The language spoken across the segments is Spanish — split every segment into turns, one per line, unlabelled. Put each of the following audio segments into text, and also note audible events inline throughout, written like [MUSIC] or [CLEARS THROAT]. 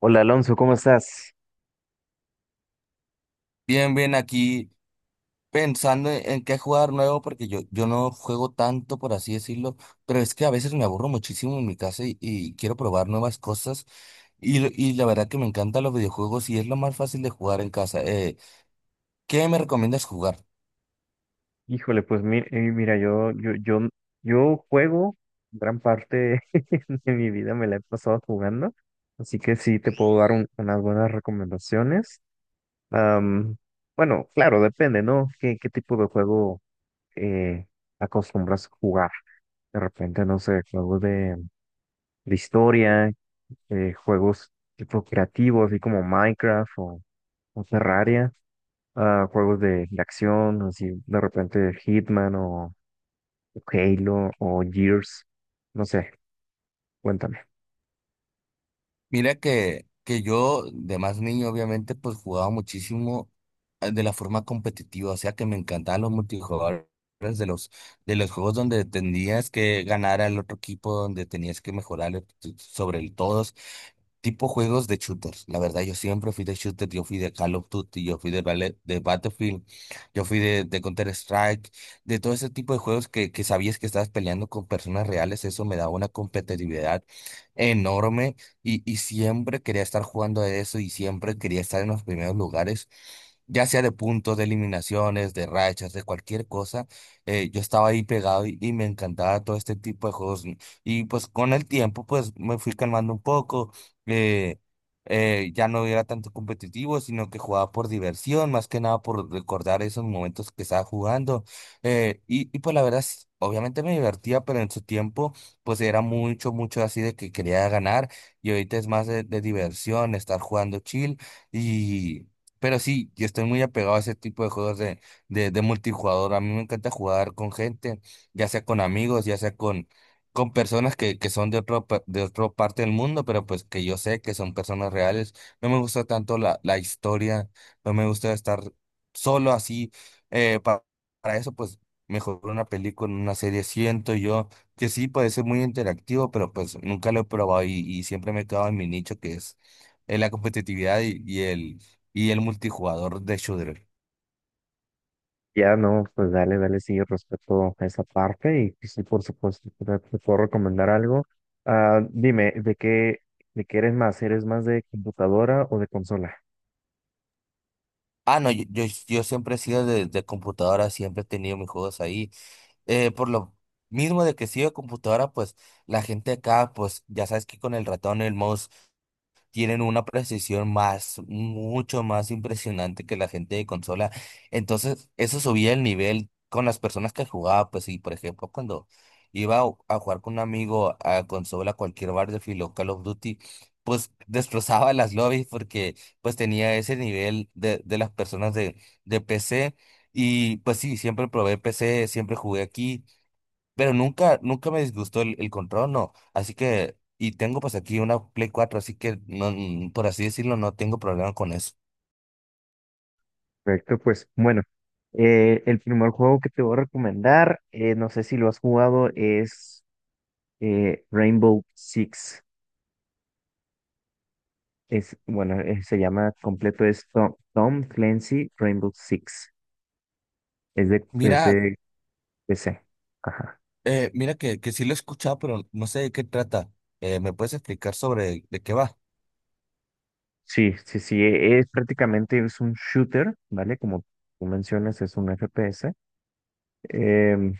Hola Alonso, ¿cómo estás?
Bien, bien, aquí pensando en qué jugar nuevo, porque yo no juego tanto, por así decirlo, pero es que a veces me aburro muchísimo en mi casa y quiero probar nuevas cosas. Y la verdad que me encantan los videojuegos y es lo más fácil de jugar en casa. ¿Qué me recomiendas jugar?
Híjole, pues mira, yo juego gran parte [LAUGHS] de mi vida, me la he pasado jugando, así que sí te puedo dar unas buenas recomendaciones. Am, bueno, claro, depende, ¿no? ¿Qué, qué tipo de juego eh, acostumbras a jugar? De repente, no sé, juegos de historia, juegos tipo creativos, así como Minecraft o Terraria. A juegos de acción, así de repente Hitman o Halo o Gears, no sé, cuéntame.
Mira que yo de más niño obviamente pues jugaba muchísimo, de la forma competitiva, o sea que me encantaban los multijugadores de los de los juegos donde tenías que ganar al otro equipo, donde tenías que mejorar sobre el todo. Tipo juegos de shooters. La verdad, yo siempre fui de shooter. Yo fui de Call of Duty, yo fui de Battlefield, yo fui de Counter-Strike, de todo ese tipo de juegos que sabías que estabas peleando con personas reales. Eso me daba una competitividad enorme, y siempre quería estar jugando a eso y siempre quería estar en los primeros lugares, ya sea de puntos, de eliminaciones, de rachas, de cualquier cosa. Yo estaba ahí pegado, y me encantaba todo este tipo de juegos. Y pues con el tiempo, pues me fui calmando un poco eh, ya no era tanto competitivo, sino que jugaba por diversión, más que nada por recordar esos momentos que estaba jugando. Y pues la verdad, sí, obviamente me divertía, pero en su tiempo, pues era mucho, mucho así de que quería ganar, y ahorita es más de diversión, estar jugando chill, y... Pero sí, yo estoy muy apegado a ese tipo de juegos de multijugador. A mí me encanta jugar con gente, ya sea con amigos, ya sea con personas que son de otro, pa- de otra parte del mundo, pero pues que yo sé que son personas reales. No me gusta tanto la historia, no me gusta estar solo así. eh, pa- para eso, pues mejor una película, una serie. Siento yo que sí puede ser muy interactivo, pero pues nunca lo he probado, y siempre me he quedado en mi nicho que es la competitividad y el multijugador de shooter.
Ya no, pues dale, dale, sí, respecto a esa parte y pues sí, por supuesto, te puedo recomendar algo. Ah, dime, de qué eres más? ¿Eres más de computadora o de consola?
Ah, no, yo siempre he sido de computadora, siempre he tenido mis juegos ahí. Por lo mismo de que sí computadora, pues la gente acá, pues ya sabes que con el ratón y el mouse tienen una precisión más, mucho más impresionante que la gente de consola. Entonces, eso subía el nivel con las personas que jugaba, pues, y por ejemplo, cuando iba a jugar con un amigo a consola, cualquier Battlefield o Call of Duty, pues destrozaba las lobbies porque pues tenía ese nivel de las personas de PC. Y pues sí, siempre probé PC, siempre jugué aquí. Pero nunca, nunca me disgustó el control, no. Así que, y tengo pues aquí una Play cuatro, así que no, por así decirlo, no tengo problema con eso.
Perfecto, pues bueno, el primer juego que te voy a recomendar, no sé si lo has jugado, es Rainbow Six. Es, bueno, se llama completo es Tom Clancy Rainbow Six. Es
Mira,
de PC. Ajá.
mira que sí lo he escuchado, pero no sé de qué trata. ¿Me puedes explicar sobre de qué va?
Sí, sí, sí. Es, prácticamente es un shooter, ¿vale? Como tú mencionas, es un FPS. Em,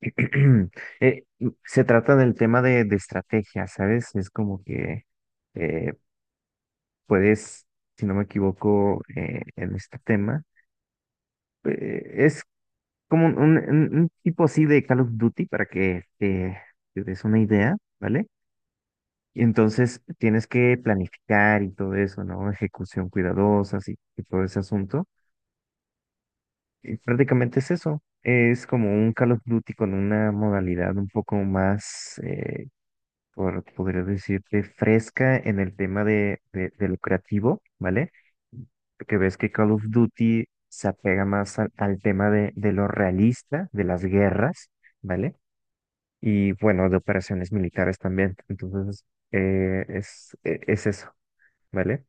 [CLEARS THROAT] eh, se trata del tema de estrategia, ¿sabes? Es como que eh, puedes, si no me equivoco, en este tema. Eh, es como un, un tipo así de Call of Duty para que te des una idea, ¿vale? Y entonces tienes que planificar y todo eso, ¿no? Ejecución cuidadosa y todo ese asunto. Y prácticamente es eso. Es como un Call of Duty con una modalidad un poco más, por, podría decirte, fresca en el tema de lo creativo, ¿vale? Porque ves que Call of Duty se apega más al, al tema de lo realista, de las guerras, ¿vale? Y bueno, de operaciones militares también. Entonces, es eso, ¿vale?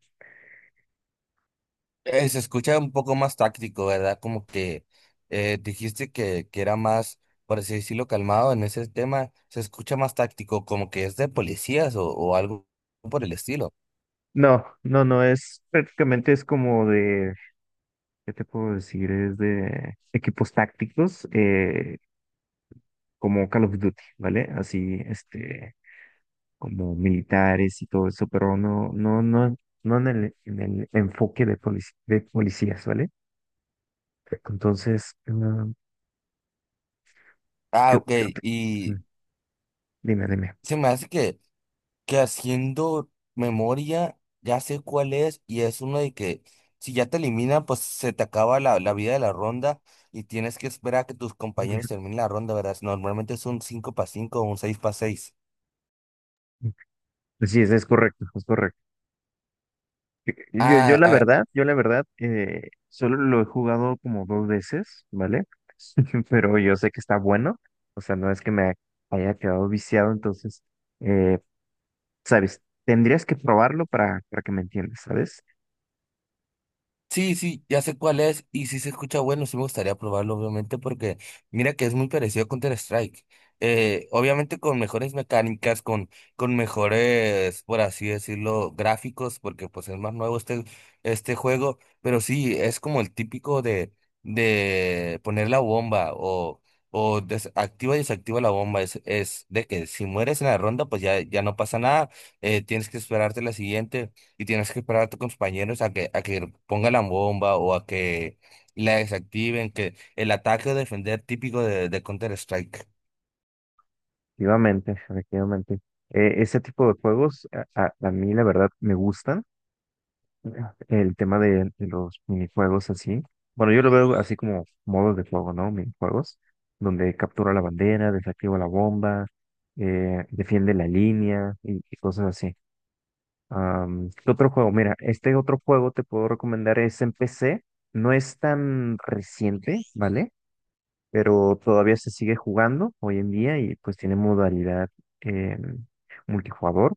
Se escucha un poco más táctico, ¿verdad? Como que dijiste que era más, por así decirlo, calmado en ese tema. Se escucha más táctico, como que es de policías o algo por el estilo.
No, no, no, es prácticamente es como de, ¿qué te puedo decir? Es de equipos tácticos, como Call of Duty, ¿vale? Así, este, como militares y todo eso, pero no, no, no, no en el, en el enfoque de de policías, ¿vale? Entonces,
Ah, ok.
qué otra?
Y
Dime, dime.
se me hace que haciendo memoria ya sé cuál es, y es uno de que si ya te eliminan, pues se te acaba la vida de la ronda y tienes que esperar a que tus compañeros
[LAUGHS]
terminen la ronda, ¿verdad? Normalmente es un 5 para 5 o un 6 para 6.
Sí, es correcto, es correcto. Yo, yo la verdad, solo lo he jugado como dos veces, ¿vale? [LAUGHS] Pero yo sé que está bueno, o sea, no es que me haya quedado viciado, entonces, eh, ¿sabes? Tendrías que probarlo para que me entiendas, ¿sabes?
Sí, sí, ya sé cuál es y sí se escucha bueno, sí me gustaría probarlo obviamente porque mira que es muy parecido a Counter-Strike. Obviamente con mejores mecánicas, con mejores, por así decirlo, gráficos, porque pues es más nuevo este juego, pero sí, es como el típico de poner la bomba o des- activa y desactiva la bomba. Es de que si mueres en la ronda pues ya no pasa nada, tienes que esperarte la siguiente y tienes que esperar a tus compañeros a que pongan la bomba o a que la desactiven, que el ataque o defender típico de Counter-Strike.
Efectivamente, efectivamente. Ese tipo de juegos a mí, la verdad, me gustan. El tema de los minijuegos así. Bueno, yo lo veo así como modos de juego, ¿no? Minijuegos, donde captura la bandera, desactiva la bomba, defiende la línea y cosas así. ¿Qué otro juego? Mira, este otro juego te puedo recomendar es en PC. No es tan reciente, ¿vale? Pero todavía se sigue jugando hoy en día y pues tiene modalidad eh, multijugador.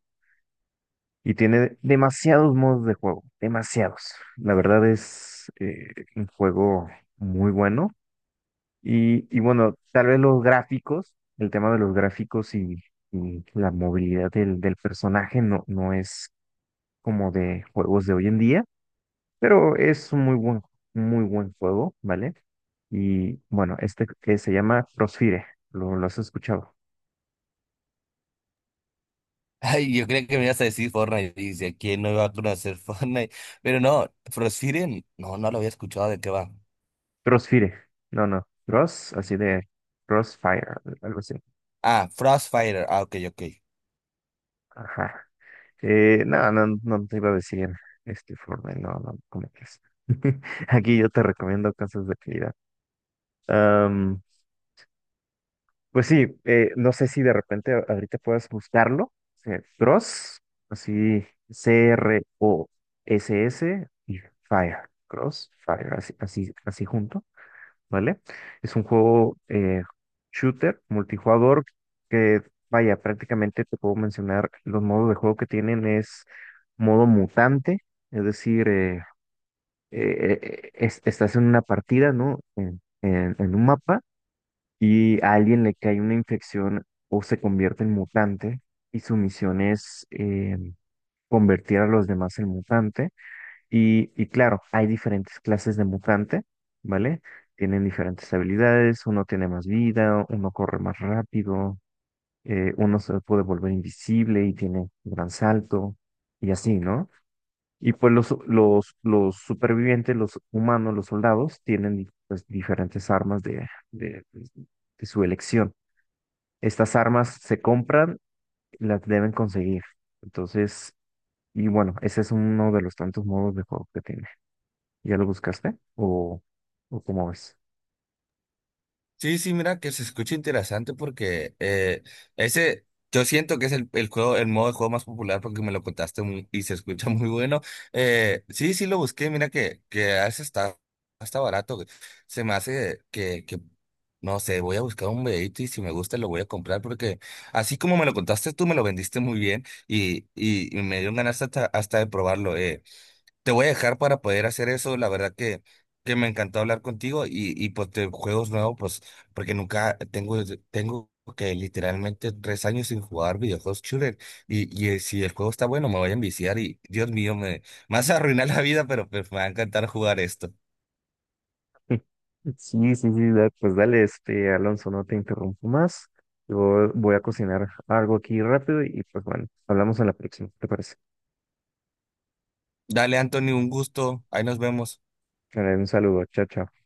Y tiene demasiados modos de juego, demasiados. La verdad es un juego muy bueno. Y bueno, tal vez los gráficos, el tema de los gráficos y la movilidad del, del personaje no, no es como de juegos de hoy en día, pero es un muy buen juego, ¿vale? Y bueno, este que se llama Crossfire, lo has escuchado?
[LAUGHS] Ay, yo creía que me ibas a decir Fortnite, y dice, ¿quién no iba a conocer [LAUGHS] Fortnite? Pero no, Frostfire, no, no lo había escuchado de qué va.
Crossfire, no, no, Cross, así de Crossfire, algo así.
Ah, Frostfire, ah, ok, ok.
Ajá. No, no, no te iba a decir este informe, no, no, ¿cómo crees? [LAUGHS] Aquí yo te recomiendo cosas de calidad. Am, pues sí, no sé si de repente ahorita puedas buscarlo. Eh, Cross, así, C-R-O-S-S y Fire. Cross, Fire, así, así, así junto. ¿Vale? Es un juego shooter, multijugador, que vaya, prácticamente te puedo mencionar los modos de juego que tienen es modo mutante, es decir, estás en una partida, ¿no? En, en un mapa y a alguien le cae una infección o se convierte en mutante y su misión es convertir a los demás en mutante y claro, hay diferentes clases de mutante, ¿vale? Tienen diferentes habilidades, uno tiene más vida, uno corre más rápido, uno se puede volver invisible y tiene un gran salto, y así, ¿no? Y pues los supervivientes, los humanos, los soldados, tienen pues, diferentes armas de, pues, de su elección. Estas armas se compran, las deben conseguir. Entonces, y bueno, ese es uno de los tantos modos de juego que tiene. ¿Ya lo buscaste? O cómo ves?
Sí, sí, mira que se escucha interesante porque ese, yo siento que es el juego, el modo de juego más popular porque me lo contaste y se escucha [LAUGHS] muy bueno. Sí, sí lo busqué, mira que a veces está barato. Se me hace no sé, voy a buscar un videito y si me gusta lo voy a comprar porque así como me lo contaste tú, me lo vendiste muy bien, y me dieron ganas hasta de probarlo. Te voy a dejar para poder hacer eso. La verdad que me encantó hablar contigo, y pues de juegos nuevos, pues porque nunca tengo que literalmente 3 años sin jugar videojuegos shooter, y si el juego está bueno me voy a enviciar y Dios mío, me vas a arruinar la vida, pero pues me va a encantar jugar esto.
[LAUGHS] Sí, sí, sí, pues dale, este, Alonso, no te interrumpo más. Yo voy a cocinar algo aquí rápido y pues bueno, hablamos en la próxima, ¿te parece?
Dale, Anthony, un gusto. Ahí nos vemos.
Dale, un saludo, chao, chao.